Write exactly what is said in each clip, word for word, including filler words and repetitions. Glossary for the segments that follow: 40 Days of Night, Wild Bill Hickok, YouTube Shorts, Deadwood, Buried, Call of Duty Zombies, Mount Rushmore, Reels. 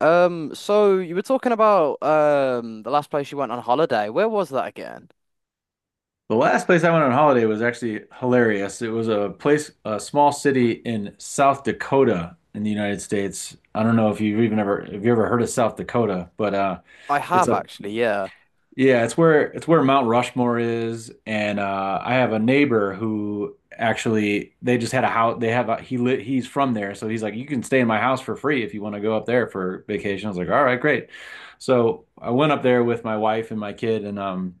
Um, so you were talking about um the last place you went on holiday. Where was that again? The last place I went on holiday was actually hilarious. It was a place, a small city in South Dakota in the United States. I don't know if you've even ever, if you ever heard of South Dakota, but uh, I it's have a, actually, yeah. yeah, it's where it's where Mount Rushmore is. And uh, I have a neighbor who actually they just had a house. They have a, he lit, He's from there, so he's like, you can stay in my house for free if you want to go up there for vacation. I was like, all right, great. So I went up there with my wife and my kid, and um.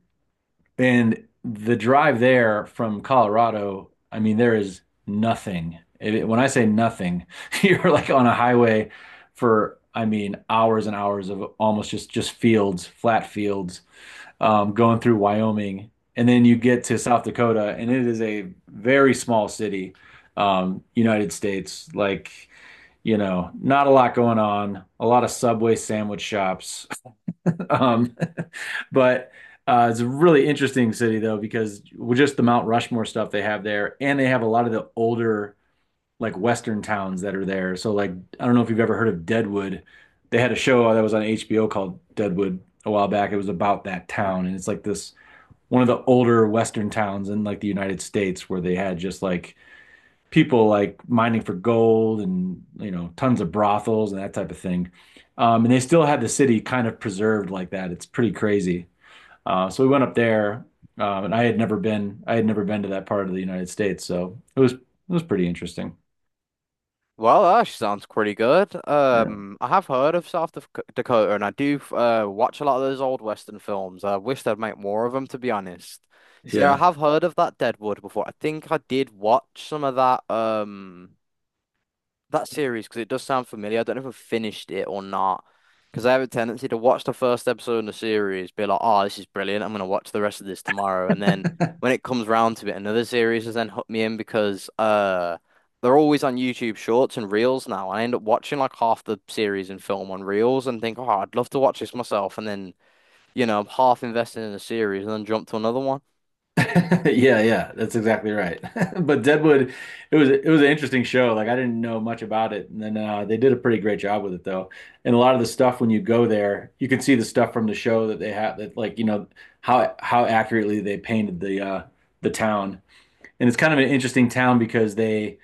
And the drive there from Colorado, I mean, there is nothing. It- when I say nothing, you're like on a highway for, I mean, hours and hours of almost just just fields, flat fields, um, going through Wyoming, and then you get to South Dakota, and it is a very small city, um, United States, like you know, not a lot going on, a lot of Subway sandwich shops, um, but uh, it's a really interesting city though because just the Mount Rushmore stuff they have there, and they have a lot of the older like Western towns that are there. So like I don't know if you've ever heard of Deadwood. They had a show that was on H B O called Deadwood a while back. It was about that town, and it's like this one of the older Western towns in like the United States where they had just like people like mining for gold and you know tons of brothels and that type of thing. Um, and they still had the city kind of preserved like that. It's pretty crazy. Uh, so we went up there, um, and I had never been I had never been to that part of the United States, so it was it was pretty interesting. Well, that actually sounds pretty good. Yeah. Um, I have heard of South Dak- Dakota, and I do uh watch a lot of those old Western films. I wish they'd make more of them, to be honest. See, I Yeah. have heard of that Deadwood before. I think I did watch some of that. Um, that series because it does sound familiar. I don't know if I've finished it or not. Because I have a tendency to watch the first episode in the series, be like, oh, this is brilliant. I'm going to watch the rest of this tomorrow. And then when it comes round to it, another series has then hooked me in because uh, they're always on YouTube Shorts and Reels now. I end up watching like half the series and film on Reels and think, oh, I'd love to watch this myself. And then, you know, I'm half invested in a series and then jump to another one. Yeah, yeah, that's exactly right. But Deadwood, it was it was an interesting show. Like I didn't know much about it, and then uh, they did a pretty great job with it though. And a lot of the stuff when you go there, you can see the stuff from the show that they have that like you know how how accurately they painted the uh, the town. And it's kind of an interesting town because they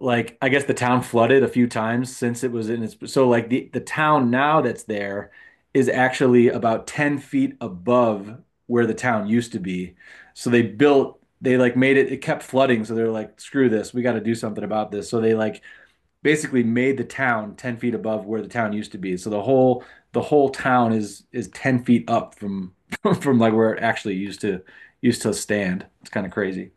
like I guess the town flooded a few times since it was in its so like the the town now that's there is actually about ten feet above where the town used to be. So they built they like made it it kept flooding, so they're like, screw this, we got to do something about this, so they like basically made the town ten feet above where the town used to be, so the whole the whole town is is ten feet up from from like where it actually used to used to stand. It's kind of crazy.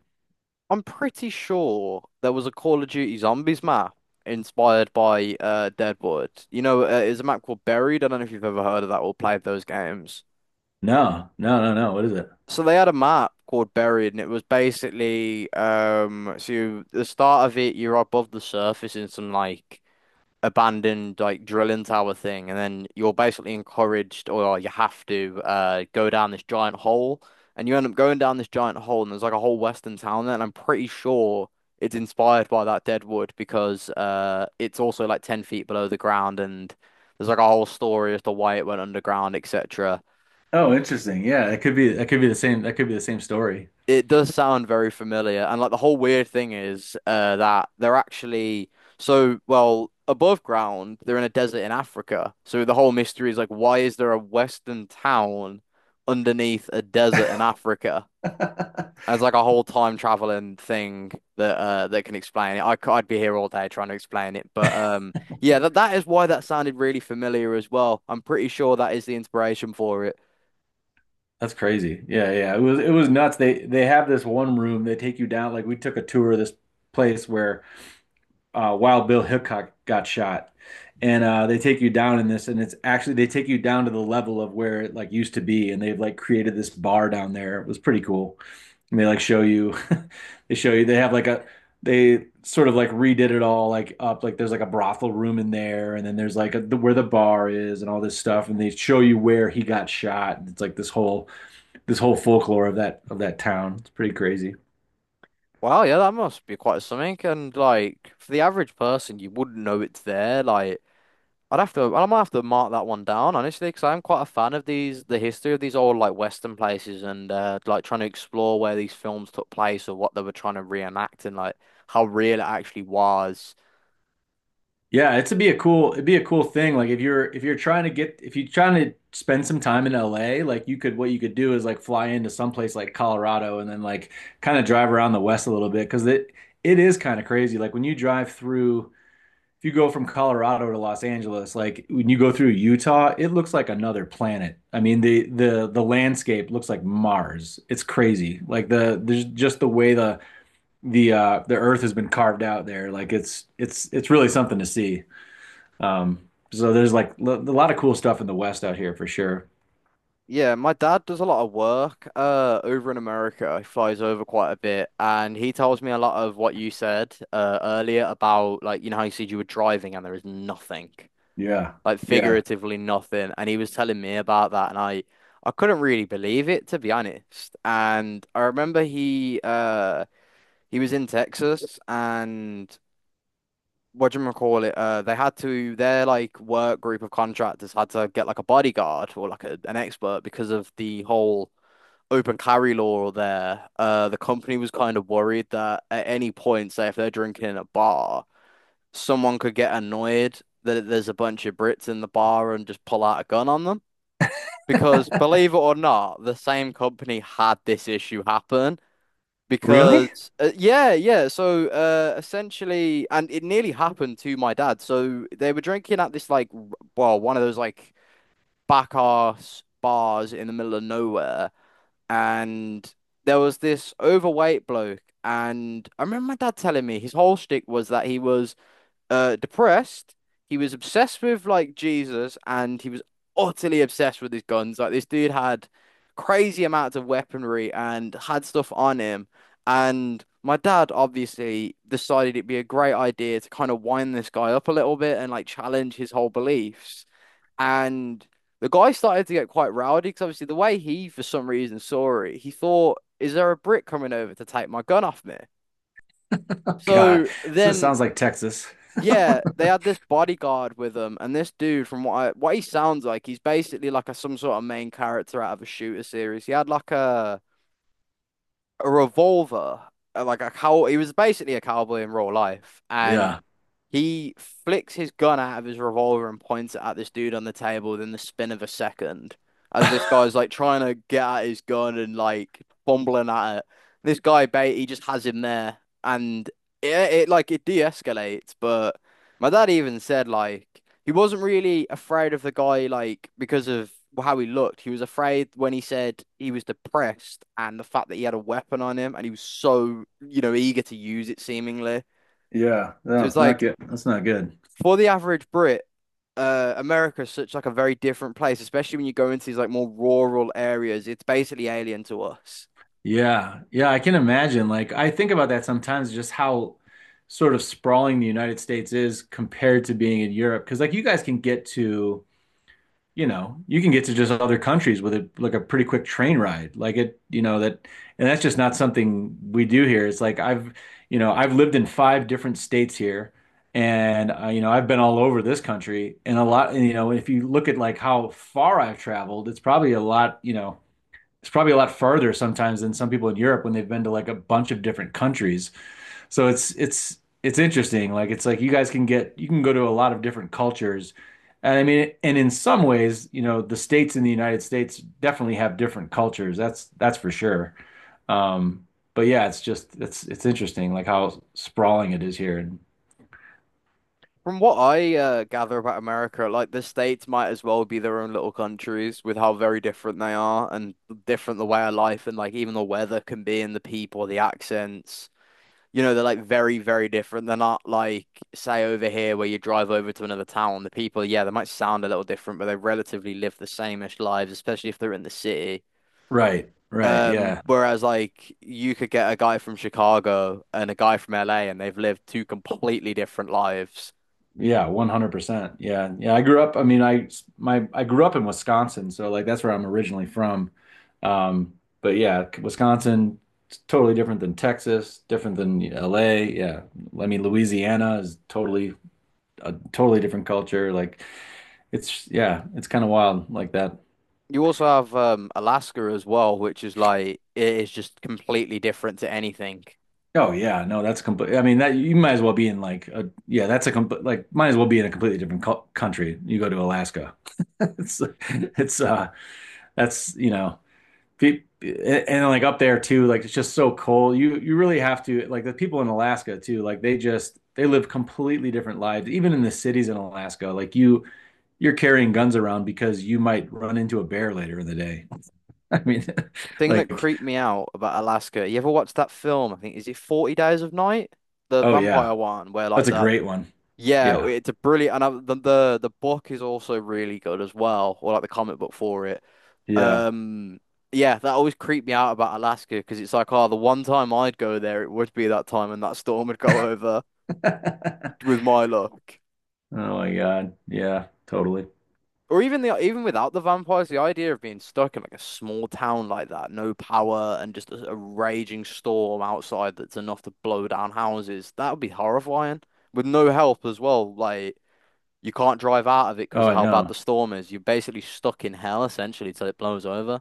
I'm pretty sure there was a Call of Duty Zombies map inspired by uh, Deadwood. You know, uh, it's a map called Buried. I don't know if you've ever heard of that or played those games. No, no, no, no, what is it? So they had a map called Buried, and it was basically um, so you, the start of it, you're above the surface in some like abandoned like drilling tower thing, and then you're basically encouraged or like, you have to uh go down this giant hole, and you end up going down this giant hole, and there's like a whole western town there, and I'm pretty sure it's inspired by that Deadwood because uh it's also like ten feet below the ground, and there's like a whole story as to why it went underground, et cetera. Oh, interesting. Yeah, it could be that could be the same that could be the same story. It does sound very familiar. And like the whole weird thing is uh, that they're actually so well above ground, they're in a desert in Africa. So the whole mystery is like, why is there a Western town underneath a desert in Africa? And it's like a whole time traveling thing that uh, that can explain it. I, c- I'd be here all day trying to explain it. But um, yeah, that, that is why that sounded really familiar as well. I'm pretty sure that is the inspiration for it. That's crazy. Yeah, yeah. It was it was nuts. They they have this one room. They take you down. Like we took a tour of this place where uh, Wild Bill Hickok got shot, and uh, they take you down in this, and it's actually they take you down to the level of where it like used to be, and they've like created this bar down there. It was pretty cool. And they like show you, they show you, they have like a, they sort of like redid it all like up. Like there's like a brothel room in there, and then there's like a, the, where the bar is and all this stuff. And they show you where he got shot. And it's like this whole, this whole folklore of that, of that town. It's pretty crazy. Wow, yeah, that must be quite something. And like for the average person, you wouldn't know it's there. Like I'd have to, I might have to mark that one down honestly, because I'm quite a fan of these, the history of these old like Western places, and uh, like trying to explore where these films took place or what they were trying to reenact and like how real it actually was. Yeah, it's to be a cool, it'd be a cool thing. Like if you're, if you're trying to get, if you're trying to spend some time in L A, like you could, what you could do is like fly into someplace like Colorado and then like kind of drive around the West a little bit because it, it is kind of crazy. Like when you drive through, If you go from Colorado to Los Angeles, like when you go through Utah, it looks like another planet. I mean, the the the landscape looks like Mars. It's crazy. Like the there's just the way the the uh the earth has been carved out there. Like it's it's it's really something to see. Um so there's like a lot of cool stuff in the West out here for sure. Yeah, my dad does a lot of work uh over in America. He flies over quite a bit, and he tells me a lot of what you said uh earlier about like you know how you said you were driving and there is nothing. Yeah. Like Yeah. figuratively nothing. And he was telling me about that, and I I couldn't really believe it to be honest. And I remember he uh he was in Texas, and what do you call it? Uh, they had to their like work group of contractors had to get like a bodyguard or like a, an expert because of the whole. Open carry law there. Uh, the company was kind of worried that at any point, say if they're drinking in a bar, someone could get annoyed that there's a bunch of Brits in the bar and just pull out a gun on them. Because believe it or not, the same company had this issue happen. Really? Because uh, yeah, yeah. So uh, essentially, and it nearly happened to my dad. So they were drinking at this like, r- well, one of those like back arse bars in the middle of nowhere, and there was this overweight bloke. And I remember my dad telling me his whole shtick was that he was uh depressed. He was obsessed with like Jesus and he was utterly obsessed with his guns. Like this dude had crazy amounts of weaponry and had stuff on him. And my dad obviously decided it'd be a great idea to kind of wind this guy up a little bit and like challenge his whole beliefs. And the guy started to get quite rowdy because obviously the way he, for some reason, saw it, he thought, "Is there a brick coming over to take my gun off me?" Oh, God. So This then sounds like Texas. yeah, they had this bodyguard with them, and this dude, from what I, what he sounds like, he's basically like a some sort of main character out of a shooter series. He had like a a revolver, uh, like a cow. He was basically a cowboy in real life, and Yeah. he flicks his gun out of his revolver and points it at this dude on the table within the spin of a second. As this guy's like trying to get at his gun and like fumbling at it. This guy bait he just has him there and it, it like it de-escalates, but my dad even said like he wasn't really afraid of the guy like because of how he looked. He was afraid when he said he was depressed and the fact that he had a weapon on him and he was so, you know, eager to use it seemingly. Yeah. So No, it's it's not like good. That's not good. for the average Brit, uh, America is such like a very different place, especially when you go into these like more rural areas. It's basically alien to us. Yeah, yeah, I can imagine. Like, I think about that sometimes, just how sort of sprawling the United States is compared to being in Europe. Because, like, you guys can get to, you know, you can get to just other countries with a like a pretty quick train ride. Like it, you know, that, and that's just not something we do here. It's like I've, you know, I've lived in five different states here, and uh, you know, I've been all over this country, and a lot, and, you know, if you look at like how far I've traveled, it's probably a lot, you know, it's probably a lot farther sometimes than some people in Europe when they've been to like a bunch of different countries. So it's it's it's interesting. Like it's like you guys can get you can go to a lot of different cultures. And I mean, and in some ways, you know, the states in the United States definitely have different cultures. That's that's for sure. Um, but yeah, it's just it's it's interesting like how sprawling it is here. And From what I uh, gather about America, like the states might as well be their own little countries with how very different they are and different the way of life and like even the weather can be and the people, the accents. You know, they're like very, very different. They're not like, say, over here where you drive over to another town. The people, yeah, they might sound a little different, but they relatively live the same-ish lives, especially if they're in the city. right, right, Um, yeah. Whereas like you could get a guy from Chicago and a guy from L A and they've lived two completely different lives. Yeah, one hundred percent. Yeah. Yeah, I grew up, I mean, I my I grew up in Wisconsin, so like that's where I'm originally from. Um, but yeah, Wisconsin it's totally different than Texas, different than L A. Yeah. I mean, Louisiana is totally a totally different culture. Like it's yeah, it's kind of wild like that. You also have um Alaska as well, which is like it is just completely different to anything. Oh yeah, no, that's complete. I mean, that you might as well be in like a yeah, that's a complete like might as well be in a completely different co country. You go to Alaska. It's it's uh that's you know Pe- and, and like up there too, like it's just so cold. You you really have to like the people in Alaska too, like they just they live completely different lives. Even in the cities in Alaska, like you you're carrying guns around because you might run into a bear later in the day. I mean, Thing that like, creeped me out about Alaska, you ever watched that film? I think is it forty Days of Night? The oh vampire yeah, one where like that's a the great one. Yeah, Yeah. it's a brilliant, and I, the, the the book is also really good as well, or like the comic book for it. Yeah. Um, yeah, that always creeped me out about Alaska because it's like, oh, the one time I'd go there, it would be that time, and that storm would go over with my luck. Oh my God. Yeah, totally. Or even the even without the vampires, the idea of being stuck in like a small town like that, no power, and just a, a raging storm outside that's enough to blow down houses, that would be horrifying. With no help as well, like. You can't drive out of it Oh, because of I how bad the know. storm is. You're basically stuck in hell essentially till it blows over.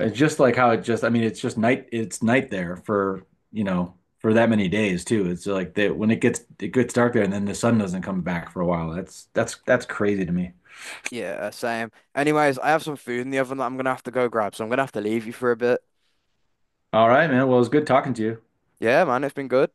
It's just like how it just, I mean, it's just night, it's night there for, you know, for that many days too. It's like that when it gets it gets dark there and then the sun doesn't come back for a while. That's that's that's crazy to me. Yeah, same. Anyways, I have some food in the oven that I'm gonna have to go grab, so I'm gonna have to leave you for a bit. All right, man. Well, it was good talking to you. Yeah, man, it's been good.